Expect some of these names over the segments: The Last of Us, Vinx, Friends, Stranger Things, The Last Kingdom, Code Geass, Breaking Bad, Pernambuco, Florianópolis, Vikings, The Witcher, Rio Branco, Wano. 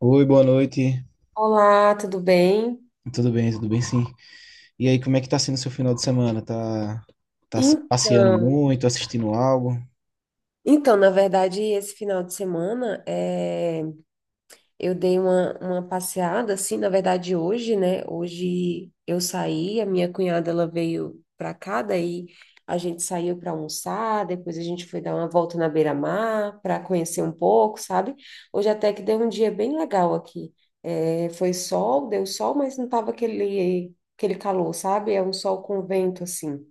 Oi, boa noite. Olá, tudo bem? Tudo bem sim. E aí, como é que tá sendo o seu final de semana? Em- Passeando muito, assistindo algo? Então, na verdade, esse final de semana eu dei uma passeada, assim, na verdade, hoje, né? Hoje eu saí, a minha cunhada ela veio pra cá, daí a gente saiu para almoçar, depois a gente foi dar uma volta na beira-mar para conhecer um pouco, sabe? Hoje até que deu um dia bem legal aqui. É, foi sol, deu sol, mas não tava aquele calor, sabe? É um sol com vento, assim.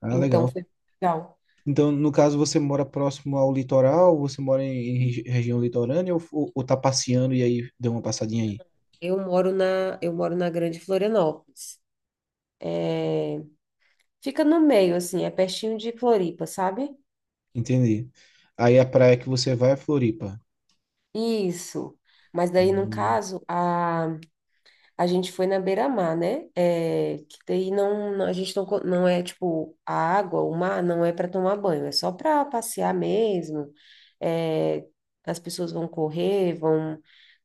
Ah, Então legal. foi legal. Então, no caso, você mora próximo ao litoral? Você mora em região litorânea ou tá passeando e aí deu uma passadinha aí? Eu moro na Grande Florianópolis. É, fica no meio, assim, é pertinho de Floripa, sabe? Entendi. Aí a praia que você vai é Floripa. Isso. Mas daí, no Hum. caso, a gente foi na beira-mar, né? É, que daí a gente não é tipo a água, o mar não é para tomar banho, é só para passear mesmo. É, as pessoas vão correr, vão,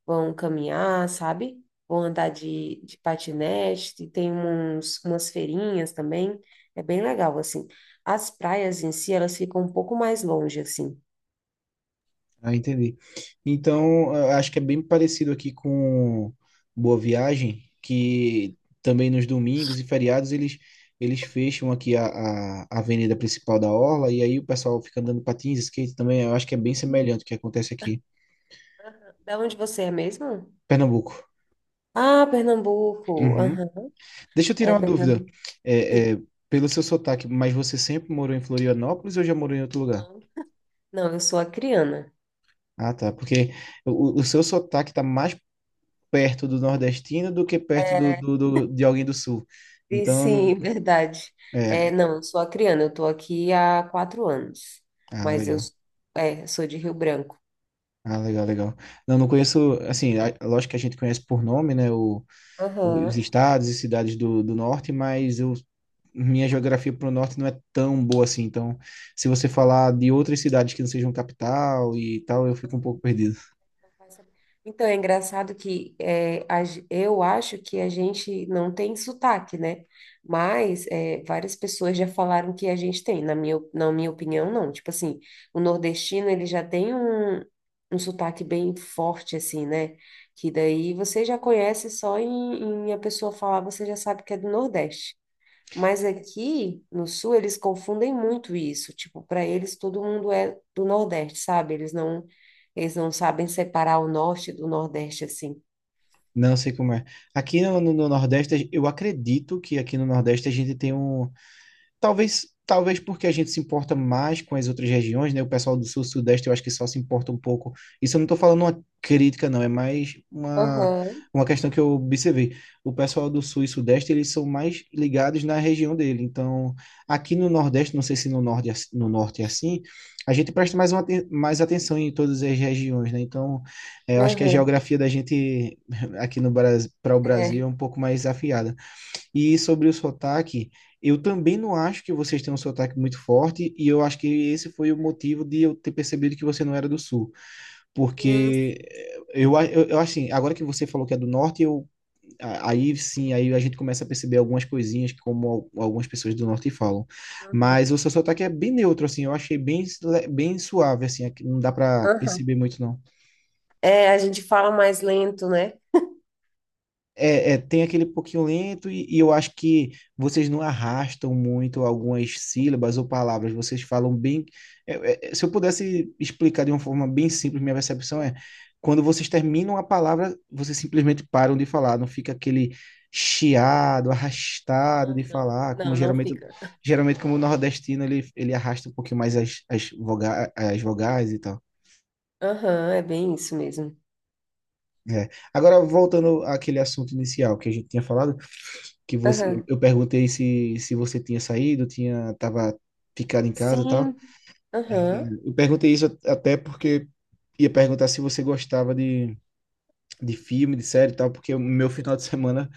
vão caminhar, sabe? Vão andar de patinete, e tem umas feirinhas também. É bem legal, assim. As praias em si, elas ficam um pouco mais longe, assim. Ah, entendi. Então, eu acho que é bem parecido aqui com Boa Viagem, que também nos domingos e feriados eles fecham aqui a avenida principal da Orla, e aí o pessoal fica andando patins, skate também. Eu acho que é bem semelhante o que acontece aqui, Da onde você é mesmo? Pernambuco. Ah, Pernambuco. Uhum. Aham. Deixa eu tirar É uma dúvida. É, Pernambuco. é, pelo seu sotaque, mas você sempre morou em Florianópolis ou já morou em outro lugar? Não, eu sou acriana. Ah, tá. Porque o seu sotaque tá mais perto do nordestino do que perto do de alguém do sul. E Então, eu não- sim, verdade. É, é, não, eu sou acriana. Eu estou aqui há 4 anos, ah, mas legal. Sou de Rio Branco. Ah, legal, legal. Não, não conheço, assim, lógico que a gente conhece por nome, né, os Aham. estados e cidades do norte, mas eu, minha geografia para o norte não é tão boa assim. Então, se você falar de outras cidades que não sejam capital e tal, eu fico um pouco perdido. Vai saber. Então, é engraçado que eu acho que a gente não tem sotaque, né? Mas várias pessoas já falaram que a gente tem. Na minha opinião, não. Tipo assim, o nordestino, ele já tem um sotaque bem forte, assim, né? Que daí você já conhece só em a pessoa falar, você já sabe que é do Nordeste. Mas aqui no sul eles confundem muito isso. Tipo, para eles todo mundo é do Nordeste, sabe? Eles não sabem separar o norte do Nordeste assim. Não sei como é. Aqui no Nordeste, eu acredito que aqui no Nordeste a gente tem um. Talvez porque a gente se importa mais com as outras regiões, né? O pessoal do sul sudeste eu acho que só se importa um pouco. Isso eu não estou falando uma crítica, não, é mais Aham, uma questão que eu observei. O pessoal do sul e sudeste, eles são mais ligados na região dele. Então, aqui no nordeste, não sei se no norte, no norte é assim, a gente presta mais, mais atenção em todas as regiões, né? Então, eu acho que a aham. geografia da gente aqui no Brasil, para o Brasil É, é um pouco mais afiada. E sobre o sotaque, eu também não acho que vocês têm um sotaque muito forte, e eu acho que esse foi o motivo de eu ter percebido que você não era do sul. sim, sim, Porque eu acho assim, agora que você falou que é do norte, aí sim, aí a gente começa a perceber algumas coisinhas que como algumas pessoas do norte falam. Mas aham, o seu sotaque é bem neutro, assim, eu achei bem, bem suave, assim, aqui não dá para aham. perceber muito, não. A gente fala mais lento, né? Tem aquele pouquinho lento e eu acho que vocês não arrastam muito algumas sílabas ou palavras, vocês falam bem. Se eu pudesse explicar de uma forma bem simples, minha percepção é quando vocês terminam a palavra, vocês simplesmente param de falar, não fica aquele chiado, arrastado Não, de não, falar, não, não fica. geralmente como o nordestino ele arrasta um pouquinho mais as vogais e tal. Aham, é bem isso mesmo. É. Agora, voltando àquele assunto inicial que a gente tinha falado, Aham. eu perguntei se você tinha saído, tinha, tava ficado em casa e tal. Sim. É, Aham. eu perguntei isso até porque ia perguntar se você gostava de filme, de série e tal, porque o meu final de semana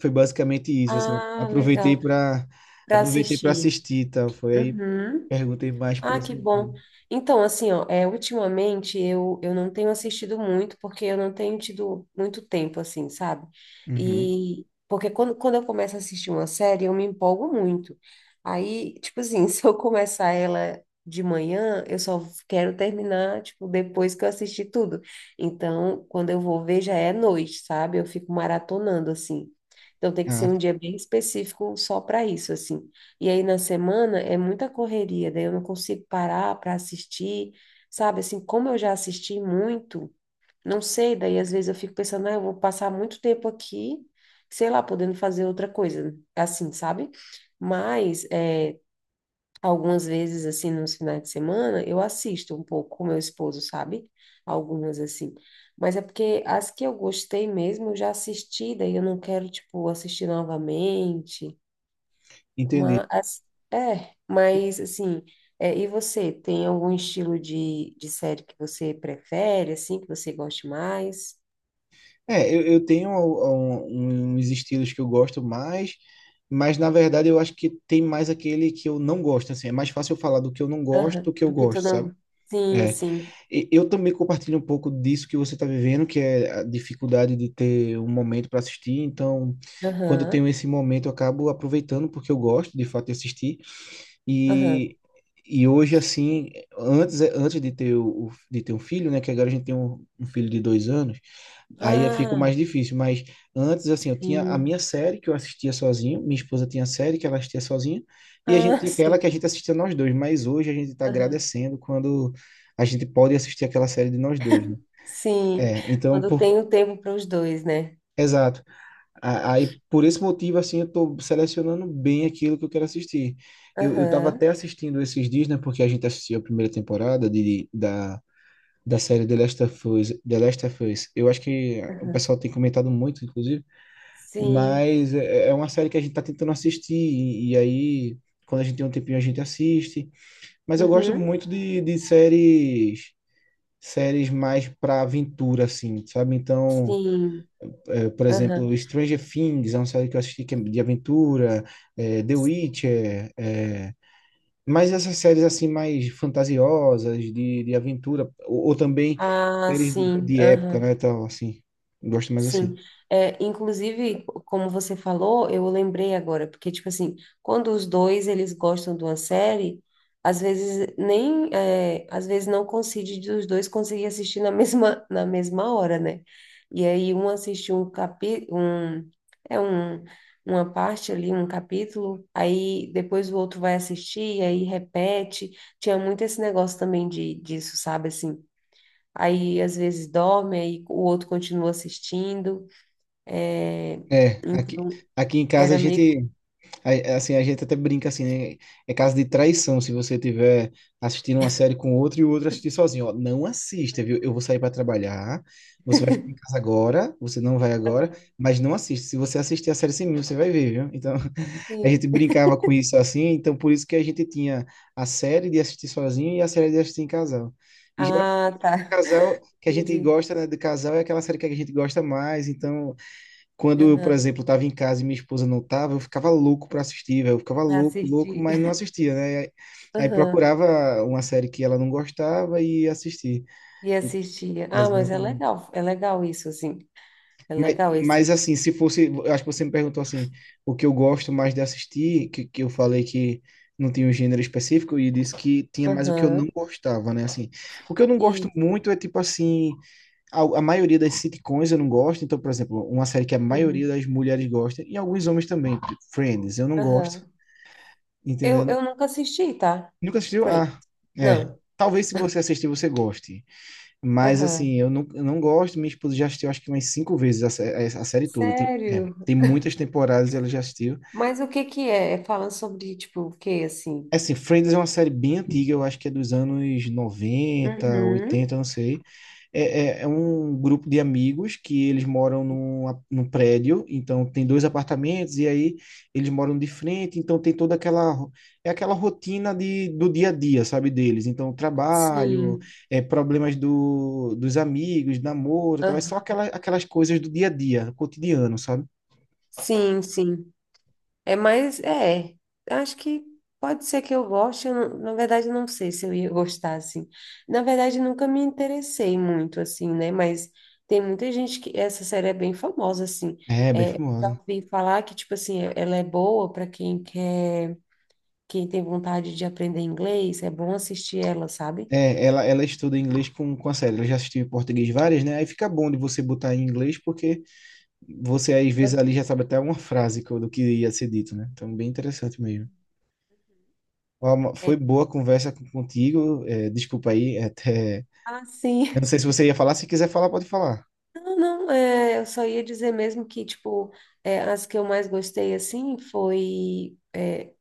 foi basicamente isso, assim, Ah, legal. Para aproveitei para assistir. assistir e tal, foi aí Uhum. perguntei mais por Ah, esse que motivo. bom. Então, assim, ó, ultimamente eu não tenho assistido muito porque eu não tenho tido muito tempo, assim, sabe? Uhum. E porque quando eu começo a assistir uma série, eu me empolgo muito. Aí, tipo assim, se eu começar ela de manhã, eu só quero terminar, tipo, depois que eu assistir tudo. Então, quando eu vou ver, já é noite, sabe? Eu fico maratonando, assim. Então, tem que ser Ah, um dia bem específico só para isso, assim. E aí na semana é muita correria, daí eu não consigo parar para assistir, sabe? Assim, como eu já assisti muito, não sei, daí às vezes eu fico pensando, ah, eu vou passar muito tempo aqui, sei lá, podendo fazer outra coisa, assim, sabe? Mas algumas vezes, assim, nos finais de semana, eu assisto um pouco com meu esposo, sabe? Algumas, assim. Mas é porque as que eu gostei mesmo, eu já assisti, daí eu não quero, tipo, assistir novamente. entendi. Mas, mas assim, e você, tem algum estilo de série que você prefere, assim, que você goste mais? Eu tenho uns estilos que eu gosto mais, mas na verdade eu acho que tem mais aquele que eu não gosto, assim, é mais fácil eu falar do que eu não gosto Aham, do que eu porque tu gosto, sabe? não sim, É, sim, e eu também compartilho um pouco disso que você está vivendo, que é a dificuldade de ter um momento para assistir, então quando eu aham, tenho esse momento eu acabo aproveitando porque eu gosto de fato de assistir, aham. e, e hoje assim, antes de ter, de ter um filho, né, que agora a gente tem um filho de 2 anos. Aí fica Ah, mais difícil, mas antes, assim, eu tinha a sim, minha série que eu assistia sozinho, minha esposa tinha a série que ela assistia sozinha, e a gente ah, tinha aquela que sim, a gente assistia nós dois, mas hoje a gente está aham, agradecendo quando a gente pode assistir aquela série de nós dois, né? sim. É, então, Quando por, tem o tempo para os dois, né? exato. Aí, por esse motivo, assim, eu tô selecionando bem aquilo que eu quero assistir. Eu tava até Aham, assistindo esses dias, né, porque a gente assistiu a primeira temporada da série The Last of Us, The Last of Us. Eu acho que o aham, pessoal tem comentado muito, inclusive, sim, mas é é uma série que a gente tá tentando assistir, e aí, quando a gente tem um tempinho, a gente assiste. Mas eu gosto uhum, muito de séries, séries mais pra aventura, assim, sabe? Então, sim, por aham, exemplo, Stranger Things é uma série que eu assisti que é de aventura, The sim. Witcher, mas essas séries, assim, mais fantasiosas, de aventura, ou também Ah, séries sim, de época, aham. né? Então, assim, gosto mais Sim, assim. é, inclusive, como você falou, eu lembrei agora, porque, tipo assim, quando os dois, eles gostam de uma série, às vezes não coincide dos dois conseguir assistir na mesma hora, né? E aí um assiste um capi, um, é um, uma parte ali, um capítulo, aí depois o outro vai assistir, aí repete, tinha muito esse negócio também disso, sabe, assim, aí às vezes dorme, aí o outro continua assistindo, é, É, aqui, então, aqui em casa a era meio. gente. Assim, a gente até brinca assim, né? É caso de traição se você tiver assistindo uma série com outro e o outro assistir sozinho. Ó, não assista, viu? Eu vou sair para trabalhar, você vai ficar em casa agora, você não vai agora, Aham, mas não assiste. Se você assistir a série sem mim, você vai ver, viu? Então, a sim. gente brincava com isso assim, então por isso que a gente tinha a série de assistir sozinho e a série de assistir em casal. E geralmente Ah, a série de tá. casal que a gente Entendi. gosta, né, de casal é aquela série que a gente gosta mais, então por Aham. exemplo, estava em casa e minha esposa não estava, eu ficava louco para assistir, velho. Eu ficava louco, louco, Assisti. mas não assistia, né? Aí Aham. procurava uma série que ela não gostava e assistia. E assistia. Ah, mas é Exatamente. legal. É legal isso, assim. É Mas, legal mas esse. assim, se fosse, eu acho que você me perguntou assim, o que eu gosto mais de assistir, que eu falei que não tinha um gênero específico e disse que tinha mais o que eu não Aham. gostava, né? Assim, o que eu não gosto E. muito é tipo assim, a maioria das sitcoms eu não gosto. Então, por exemplo, uma série que a maioria Uhum. das mulheres gosta, e alguns homens também, tipo Friends, eu não Aham. gosto, Eu, entendendo? eu nunca assisti, tá? Nunca assistiu? Friends. Ah, é. Não. Talvez se você assistir, você goste. Mas, Aham. assim, eu não gosto. Minha esposa já assistiu, acho que umas 5 vezes a série toda. Tem, Sério? tem muitas temporadas e ela já assistiu. Mas o que que é? É falando sobre, tipo, o quê, assim? É assim, Friends é uma série bem antiga, eu acho que é dos anos 90, Uhum. 80, não sei. É um grupo de amigos que eles moram num, num prédio, então tem dois apartamentos, e aí eles moram de frente, então tem toda aquela, é aquela rotina de, do dia a dia, sabe, deles. Então, trabalho, Sim. Problemas dos amigos, namoro, e tal, é só Aham. aquela, aquelas coisas do dia a dia, cotidiano, sabe? Sim, sim. É mais, é, acho que pode ser que eu goste, eu não- na verdade eu não sei se eu ia gostar, assim. Na verdade nunca me interessei muito, assim, né, mas tem muita gente que, essa série é bem famosa, assim, É, bem é, já famosa. ouvi falar que, tipo assim, ela é boa para quem tem vontade de aprender inglês, é bom assistir ela, sabe? Ela estuda inglês com a série. Ela já assistiu em português várias, né? Aí fica bom de você botar em inglês, porque você às vezes ali já sabe até uma frase do que ia ser dito, né? Então, bem interessante mesmo. Ó, É. foi boa a conversa contigo. É, desculpa aí, é até. Ah, sim. Eu não sei se você ia falar. Se quiser falar, pode falar. Não, não, eu só ia dizer mesmo que, tipo, as que eu mais gostei, assim, foi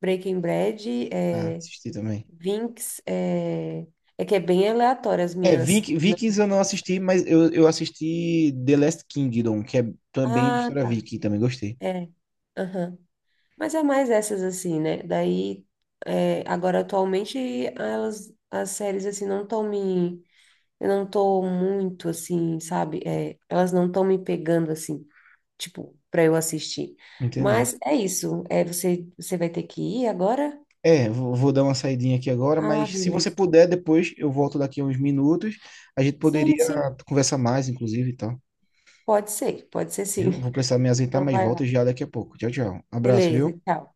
Breaking Bad, Ah, assisti também. Vinx, é que é bem aleatório as É, minhas. Vikings eu não assisti, mas eu assisti The Last Kingdom, que é também de Ah, história tá. viking, também gostei. É. Aham. Mas é mais essas assim, né? Daí, agora atualmente as séries assim não estão me, eu não tô muito assim, sabe? É, elas não estão me pegando assim, tipo, para eu assistir. Entendi. Mas é isso. É, você vai ter que ir agora? É, vou dar uma saidinha aqui agora, Ah, mas se você beleza. puder, depois eu volto daqui a uns minutos. A gente poderia Sim, sim. conversar mais, inclusive, e tal. Pode ser sim. Viu? Vou precisar me ausentar, Então mas vai volto lá. já daqui a pouco. Tchau, tchau. Abraço, Beleza, viu? tchau.